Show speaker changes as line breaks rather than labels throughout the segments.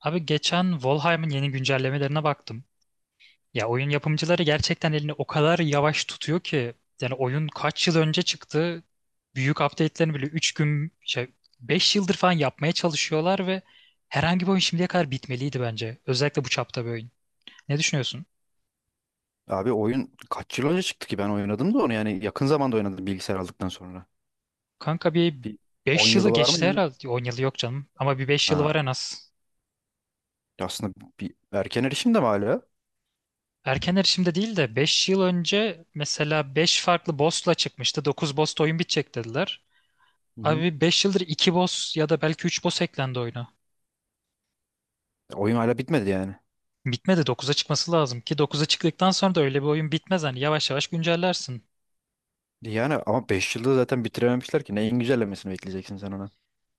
Abi geçen Valheim'in yeni güncellemelerine baktım. Ya oyun yapımcıları gerçekten elini o kadar yavaş tutuyor ki yani oyun kaç yıl önce çıktı. Büyük update'lerini bile 3 gün şey 5 yıldır falan yapmaya çalışıyorlar ve herhangi bir oyun şimdiye kadar bitmeliydi bence. Özellikle bu çapta bir oyun. Ne düşünüyorsun?
Abi oyun kaç yıl önce çıktı ki ben oynadım da onu, yani yakın zamanda oynadım bilgisayar aldıktan sonra.
Kanka bir
Bir 10
5 yılı
yılı var mı
geçti
ya?
herhalde. 10 yılı yok canım ama bir 5 yılı
Ha.
var en az.
Aslında bir erken erişim de mi hala?
Erken erişimde değil de 5 yıl önce mesela 5 farklı boss'la çıkmıştı. Dokuz boss'ta oyun bitecek dediler.
Hı hı.
Abi 5 yıldır 2 boss ya da belki 3 boss eklendi oyuna.
Oyun hala bitmedi yani.
Bitmedi, 9'a çıkması lazım ki 9'a çıktıktan sonra da öyle bir oyun bitmez. Hani yavaş yavaş güncellersin.
Yani ama 5 zaten bitirememişler ki, neyin güncellemesini bekleyeceksin sen ona.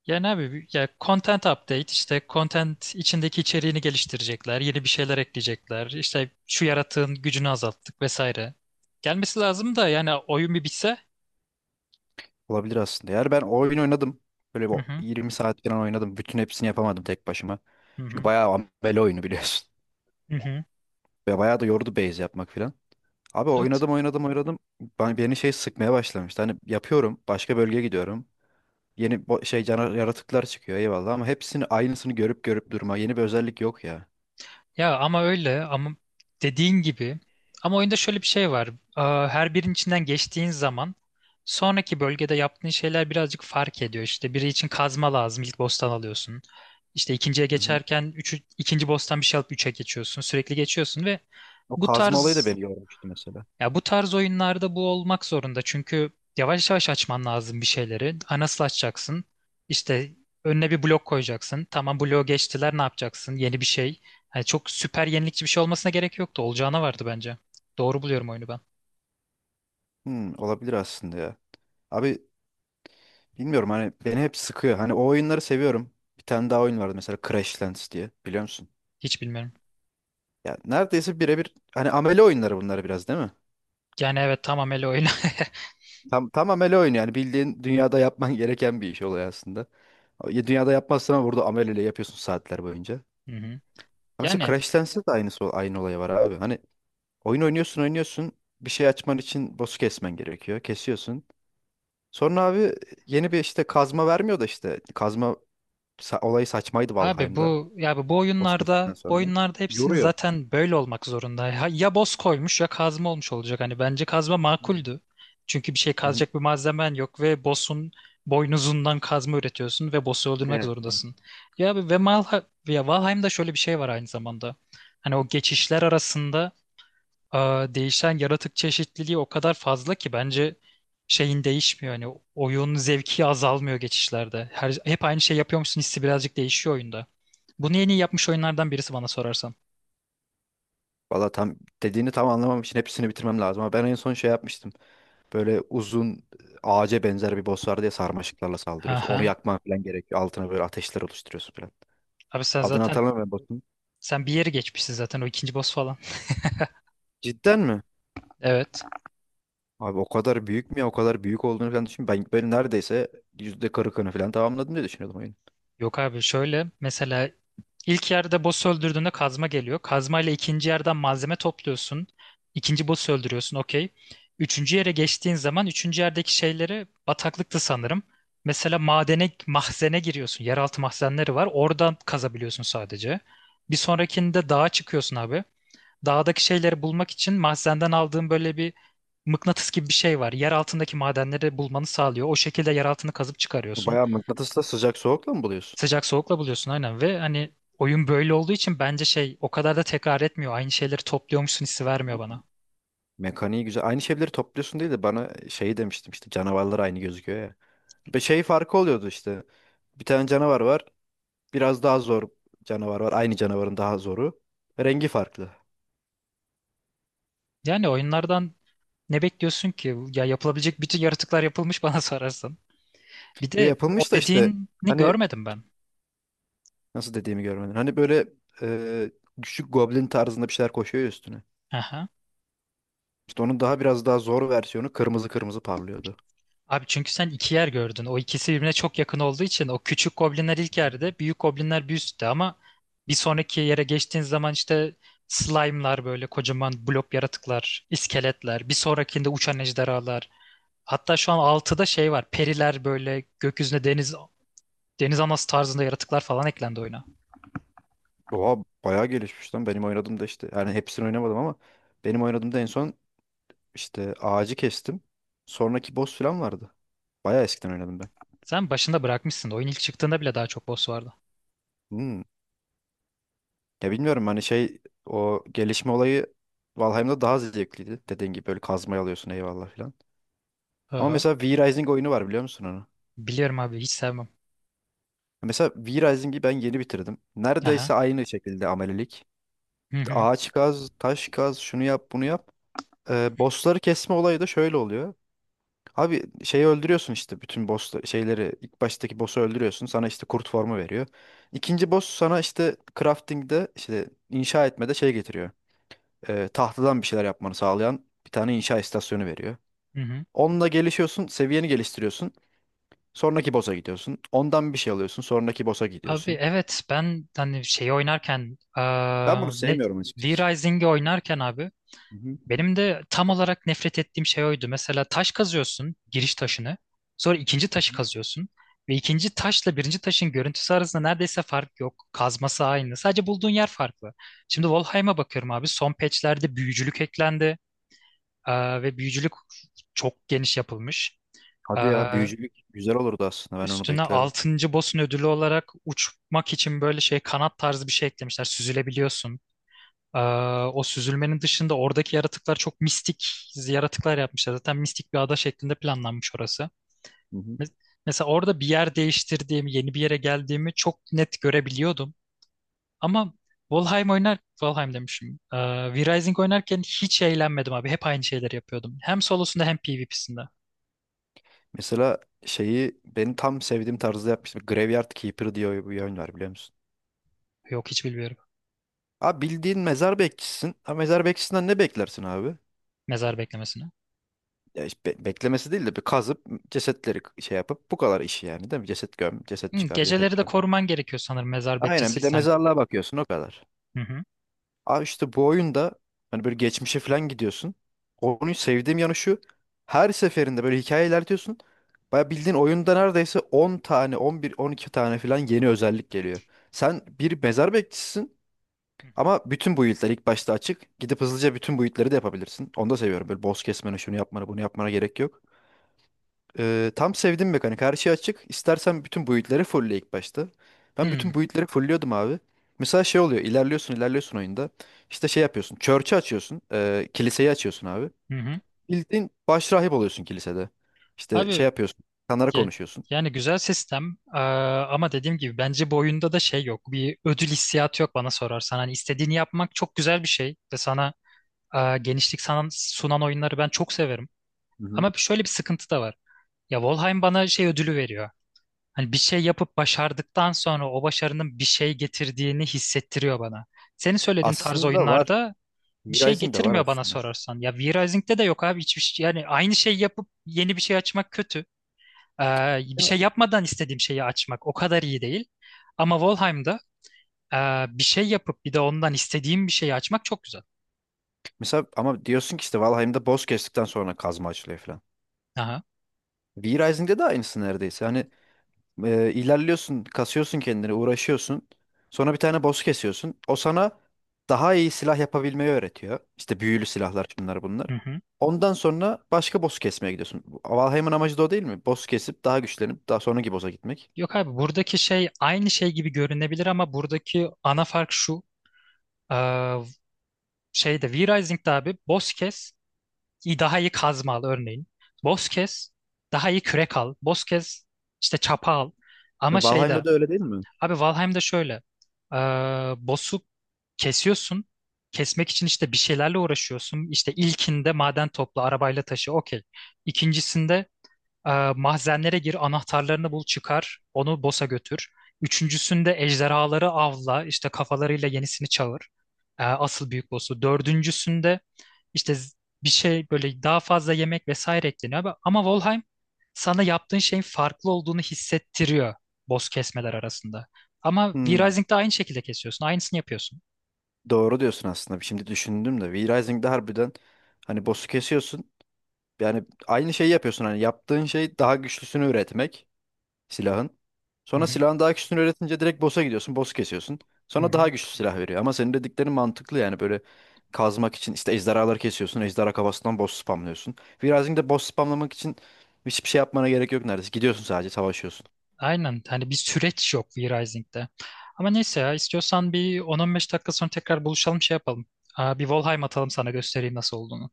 Yani abi ya content update, işte content içindeki içeriğini geliştirecekler, yeni bir şeyler ekleyecekler. İşte şu yaratığın gücünü azalttık vesaire. Gelmesi lazım da yani oyun bir bitse.
Olabilir aslında. Yani ben oyun oynadım. Böyle bir
Hı hı,
20 saat falan oynadım. Bütün hepsini yapamadım tek başıma.
hı
Çünkü
hı.
bayağı ambele oyunu biliyorsun.
Hı hı.
Ve bayağı da yordu base yapmak falan. Abi
Evet.
oynadım, oynadım, oynadım. Beni şey sıkmaya başlamıştı. Hani yapıyorum. Başka bölgeye gidiyorum. Yeni bo- şey cana- yaratıklar çıkıyor, eyvallah, ama hepsini aynısını görüp görüp durma. Yeni bir özellik yok ya.
Ya ama öyle, ama dediğin gibi, ama oyunda şöyle bir şey var. Her birinin içinden geçtiğin zaman sonraki bölgede yaptığın şeyler birazcık fark ediyor. İşte biri için kazma lazım, ilk boss'tan alıyorsun. İşte ikinciye
Hı hı.
geçerken üçü, ikinci boss'tan bir şey alıp üçe geçiyorsun. Sürekli geçiyorsun ve
O
bu
kazma olayı da
tarz
beni yormuştu mesela.
bu tarz oyunlarda bu olmak zorunda. Çünkü yavaş yavaş açman lazım bir şeyleri. Ha, nasıl açacaksın? İşte önüne bir blok koyacaksın. Tamam, bloğu geçtiler, ne yapacaksın? Yeni bir şey. Yani çok süper yenilikçi bir şey olmasına gerek yoktu. Olacağına vardı bence. Doğru buluyorum oyunu ben.
Hmm, olabilir aslında ya. Abi bilmiyorum, hani beni hep sıkıyor. Hani o oyunları seviyorum. Bir tane daha oyun vardı mesela, Crashlands diye, biliyor musun?
Hiç bilmiyorum.
Ya neredeyse birebir, hani amele oyunları bunlar biraz, değil mi?
Yani evet, tamam, öyle oyun.
Tam amele oyunu yani, bildiğin dünyada yapman gereken bir iş oluyor aslında. Ya dünyada yapmazsan ama burada ameleyle yapıyorsun saatler boyunca.
Hı hı.
Ama mesela
Yani
Crash Dance'de de aynısı, aynı olay var abi. Hani oyun oynuyorsun, oynuyorsun. Bir şey açman için boss'u kesmen gerekiyor. Kesiyorsun. Sonra abi yeni bir işte kazma vermiyor da işte. Olayı saçmaydı
abi,
Valheim'da.
bu ya bu
Boss
oyunlarda
kestikten
bu
sonra.
oyunlarda hepsinin
Yoruyor.
zaten böyle olmak zorunda. Ya, ya boss koymuş ya kazma olmuş olacak. Hani bence kazma
Hı
makuldü. Çünkü bir şey
hı.
kazacak bir malzemen yok ve boss'un boynuzundan kazma üretiyorsun ve boss'u öldürmek
Evet.
zorundasın. Ya abi ve Valheim'da şöyle bir şey var aynı zamanda. Hani o geçişler arasında değişen yaratık çeşitliliği o kadar fazla ki bence şeyin değişmiyor. Hani oyun zevki azalmıyor geçişlerde. Hep aynı şey yapıyormuşsun hissi birazcık değişiyor oyunda. Bunu en iyi yapmış oyunlardan birisi bana sorarsan.
Valla tam Dediğini tam anlamam için hepsini bitirmem lazım. Ama ben en son şey yapmıştım. Böyle uzun ağaca benzer bir boss vardı ya, sarmaşıklarla saldırıyorsun. Onu
Aha.
yakman falan gerekiyor. Altına böyle ateşler oluşturuyorsun falan.
Abi
Adını hatırlamıyorum boss'un.
sen bir yeri geçmişsin zaten, o ikinci boss falan.
Cidden mi?
Evet.
Abi o kadar büyük mü ya? O kadar büyük olduğunu falan düşün. Ben neredeyse %40'ını falan tamamladım diye düşünüyordum oyunu.
Yok abi, şöyle mesela: İlk yerde boss öldürdüğünde kazma geliyor. Kazma ile ikinci yerden malzeme topluyorsun. İkinci boss'u öldürüyorsun, okey. Üçüncü yere geçtiğin zaman üçüncü yerdeki şeyleri, bataklıktı sanırım. Mesela madene, mahzene giriyorsun. Yeraltı mahzenleri var. Oradan kazabiliyorsun sadece. Bir sonrakinde dağa çıkıyorsun abi. Dağdaki şeyleri bulmak için mahzenden aldığın böyle bir mıknatıs gibi bir şey var. Yer altındaki madenleri bulmanı sağlıyor. O şekilde yer altını kazıp çıkarıyorsun.
Bayağı mıknatısla, sıcak soğukla mı buluyorsun?
Sıcak soğukla buluyorsun aynen ve hani oyun böyle olduğu için bence şey o kadar da tekrar etmiyor. Aynı şeyleri topluyormuşsun hissi vermiyor
Hmm.
bana.
Mekaniği güzel. Aynı şeyleri topluyorsun değil de, bana şey demiştim işte, canavarlar aynı gözüküyor ya. Ve şey farkı oluyordu işte. Bir tane canavar var. Biraz daha zor canavar var. Aynı canavarın daha zoru. Rengi farklı.
Yani oyunlardan ne bekliyorsun ki? Ya yapılabilecek bütün yaratıklar yapılmış bana sorarsan. Bir
Ve
de o
yapılmış da işte,
dediğini
hani
görmedim ben.
nasıl dediğimi görmedin. Hani böyle e, küçük goblin tarzında bir şeyler koşuyor ya üstüne.
Aha.
İşte onun daha biraz daha zor versiyonu kırmızı kırmızı parlıyordu.
Abi çünkü sen iki yer gördün. O ikisi birbirine çok yakın olduğu için o küçük goblinler ilk yerde, büyük goblinler bir üstte ama bir sonraki yere geçtiğin zaman işte slime'lar böyle kocaman blok yaratıklar, iskeletler, bir sonrakinde uçan ejderhalar. Hatta şu an altıda şey var. Periler böyle gökyüzüne, deniz anası tarzında yaratıklar falan eklendi oyuna.
Oha bayağı gelişmiş lan. Benim oynadığımda işte, yani hepsini oynamadım ama benim oynadığımda en son işte ağacı kestim. Sonraki boss falan vardı. Bayağı eskiden oynadım ben.
Sen başında bırakmışsın. Oyun ilk çıktığında bile daha çok boss vardı.
Hmm. Ya bilmiyorum, hani şey, o gelişme olayı Valheim'da daha zevkliydi. Dediğin gibi böyle kazmayı alıyorsun eyvallah falan. Ama
Aha.
mesela V-Rising oyunu var, biliyor musun onu?
Biliyorum abi, hiç sevmem.
Mesela V-Rising'i ben yeni bitirdim.
Aha.
Neredeyse aynı şekilde amelilik.
Hı
İşte
hı.
ağaç kaz, taş kaz, şunu yap, bunu yap. Bossları kesme olayı da şöyle oluyor. Abi şeyi öldürüyorsun işte, bütün boss şeyleri, ilk baştaki boss'u öldürüyorsun. Sana işte kurt formu veriyor. İkinci boss sana işte crafting'de, işte inşa etmede şey getiriyor. Tahtadan bir şeyler yapmanı sağlayan bir tane inşa istasyonu veriyor.
Hı hı.
Onunla gelişiyorsun, seviyeni geliştiriyorsun. Sonraki boss'a gidiyorsun. Ondan bir şey alıyorsun, sonraki boss'a
Abi
gidiyorsun.
evet, ben hani şeyi oynarken
Ben bunu
ne
sevmiyorum açıkçası.
V-Rising'i oynarken abi,
Hı hı.
benim de tam olarak nefret ettiğim şey oydu. Mesela taş kazıyorsun, giriş taşını. Sonra ikinci taşı kazıyorsun. Ve ikinci taşla birinci taşın görüntüsü arasında neredeyse fark yok. Kazması aynı. Sadece bulduğun yer farklı. Şimdi Valheim'a bakıyorum abi. Son patchlerde büyücülük eklendi. Ve büyücülük çok geniş yapılmış. Ee,
Hadi ya, büyücülük güzel olurdu aslında. Ben onu
Üstüne
beklerdim.
altıncı boss'un ödülü olarak uçmak için böyle şey kanat tarzı bir şey eklemişler. Süzülebiliyorsun. Ee, O süzülmenin dışında oradaki yaratıklar çok mistik yaratıklar yapmışlar. Zaten mistik bir ada şeklinde planlanmış orası. Mes- Mesela orada bir yer değiştirdiğimi, yeni bir yere geldiğimi çok net görebiliyordum. Ama Valheim oynar, Valheim demişim. V-Rising oynarken hiç eğlenmedim abi. Hep aynı şeyleri yapıyordum. Hem solosunda hem PvP'sinde.
Mesela şeyi benim tam sevdiğim tarzda yapmıştım. Graveyard Keeper diye bir oyun var, biliyor musun?
Yok, hiç bilmiyorum.
Abi bildiğin mezar bekçisisin. Ha, mezar bekçisinden ne beklersin abi?
Mezar beklemesine.
Ya işte beklemesi değil de, bir kazıp cesetleri şey yapıp, bu kadar işi yani, değil mi? Ceset göm, ceset
Hı,
çıkar, ceset
geceleri de
göm.
koruman gerekiyor sanırım mezar
Aynen, bir de
bekçisiysen.
mezarlığa bakıyorsun o kadar.
Hı hı.
Abi işte bu oyunda hani böyle geçmişe falan gidiyorsun. Oyunu sevdiğim yanı şu. Her seferinde böyle hikaye ilerliyorsun. Baya bildiğin oyunda neredeyse 10 tane, 11, 12 tane falan yeni özellik geliyor. Sen bir mezar bekçisisin
Hı
ama bütün build'ler ilk başta açık. Gidip hızlıca bütün build'leri de yapabilirsin. Onu da seviyorum. Böyle boss kesmene, şunu yapmana, bunu yapmana gerek yok. Tam sevdim mekanik. Her şey açık. İstersen bütün build'leri fullle ilk başta. Ben
hı.
bütün build'leri fullliyordum abi. Mesela şey oluyor, ilerliyorsun, ilerliyorsun oyunda. İşte şey yapıyorsun. Church'ı açıyorsun. Kiliseyi açıyorsun abi.
Hı hı.
Bildiğin başrahip oluyorsun kilisede. İşte şey
Abi
yapıyorsun. İnsanlara
Ya-
konuşuyorsun.
Yani güzel sistem, ama dediğim gibi bence bu oyunda da şey yok. Bir ödül hissiyatı yok bana sorarsan. Hani istediğini yapmak çok güzel bir şey ve sana genişlik sunan oyunları ben çok severim.
Hı hı.
Ama şöyle bir sıkıntı da var. Ya Valheim bana şey ödülü veriyor. Hani bir şey yapıp başardıktan sonra o başarının bir şey getirdiğini hissettiriyor bana. Senin söylediğin tarz
Aslında var.
oyunlarda bir
New
şey
Rising de var
getirmiyor bana
aslında.
sorarsan. Ya V-Rising'de de yok abi, hiçbir şey. Yani aynı şey yapıp yeni bir şey açmak kötü. Bir
Ya,
şey yapmadan istediğim şeyi açmak o kadar iyi değil. Ama Valheim'da bir şey yapıp bir de ondan istediğim bir şeyi açmak çok güzel.
mesela ama diyorsun ki işte Valheim'de boss kestikten sonra kazma açılıyor falan.
Aha.
V-Rising'de de aynısı neredeyse. Hani ilerliyorsun, kasıyorsun kendini, uğraşıyorsun. Sonra bir tane boss kesiyorsun. O sana daha iyi silah yapabilmeyi öğretiyor. İşte büyülü silahlar, şunlar bunlar.
Hı hı.
Ondan sonra başka boss kesmeye gidiyorsun. Valheim'ın amacı da o değil mi? Boss kesip daha güçlenip daha sonraki boss'a gitmek.
Yok abi, buradaki şey aynı şey gibi görünebilir ama buradaki ana fark şu. E, şeyde V-Rising'de abi, boss kes daha iyi kazma al örneğin. Boss kes, daha iyi kürek al. Boss kes, işte çapa al. Ama
Valheim'da da öyle değil mi?
abi, Valheim'de şöyle. Ee, boss'u kesiyorsun. Kesmek için işte bir şeylerle uğraşıyorsun. İşte ilkinde maden topla, arabayla taşı, okey. İkincisinde mahzenlere gir, anahtarlarını bul, çıkar, onu boss'a götür. Üçüncüsünde ejderhaları avla, işte kafalarıyla yenisini çağır. Asıl büyük boss'u. Dördüncüsünde işte bir şey, böyle daha fazla yemek vesaire ekleniyor. Ama Valheim sana yaptığın şeyin farklı olduğunu hissettiriyor boss kesmeler arasında. Ama
Hmm,
V-Rising'de aynı şekilde kesiyorsun. Aynısını yapıyorsun.
doğru diyorsun aslında. Şimdi düşündüm de. V-Rising'de harbiden hani boss'u kesiyorsun. Yani aynı şeyi yapıyorsun. Hani yaptığın şey daha güçlüsünü üretmek silahın.
Hı
Sonra
hı,
silahın daha güçlüsünü üretince direkt boss'a gidiyorsun. Boss kesiyorsun.
hı
Sonra
hı.
daha güçlü silah veriyor. Ama senin dediklerin mantıklı yani, böyle kazmak için işte ejderhaları kesiyorsun. Ejderha kafasından boss spamlıyorsun. Virazing'de boss spamlamak için hiçbir şey yapmana gerek yok neredeyse. Gidiyorsun sadece savaşıyorsun.
Aynen. Hani bir süreç yok V-Rising'de. Ama neyse, ya istiyorsan bir 10-15 dakika sonra tekrar buluşalım, şey yapalım. Bir Valheim atalım, sana göstereyim nasıl olduğunu.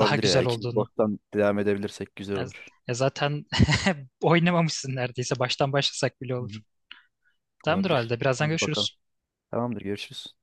Daha
ya.
güzel
İkinci
olduğunu.
boss'tan devam edebilirsek güzel
Ya,
olur.
ya zaten oynamamışsın neredeyse. Baştan başlasak bile
Hı
olur.
hı.
Tamamdır o
Olabilir.
halde. Birazdan
Ona bir bakalım.
görüşürüz.
Tamamdır, görüşürüz.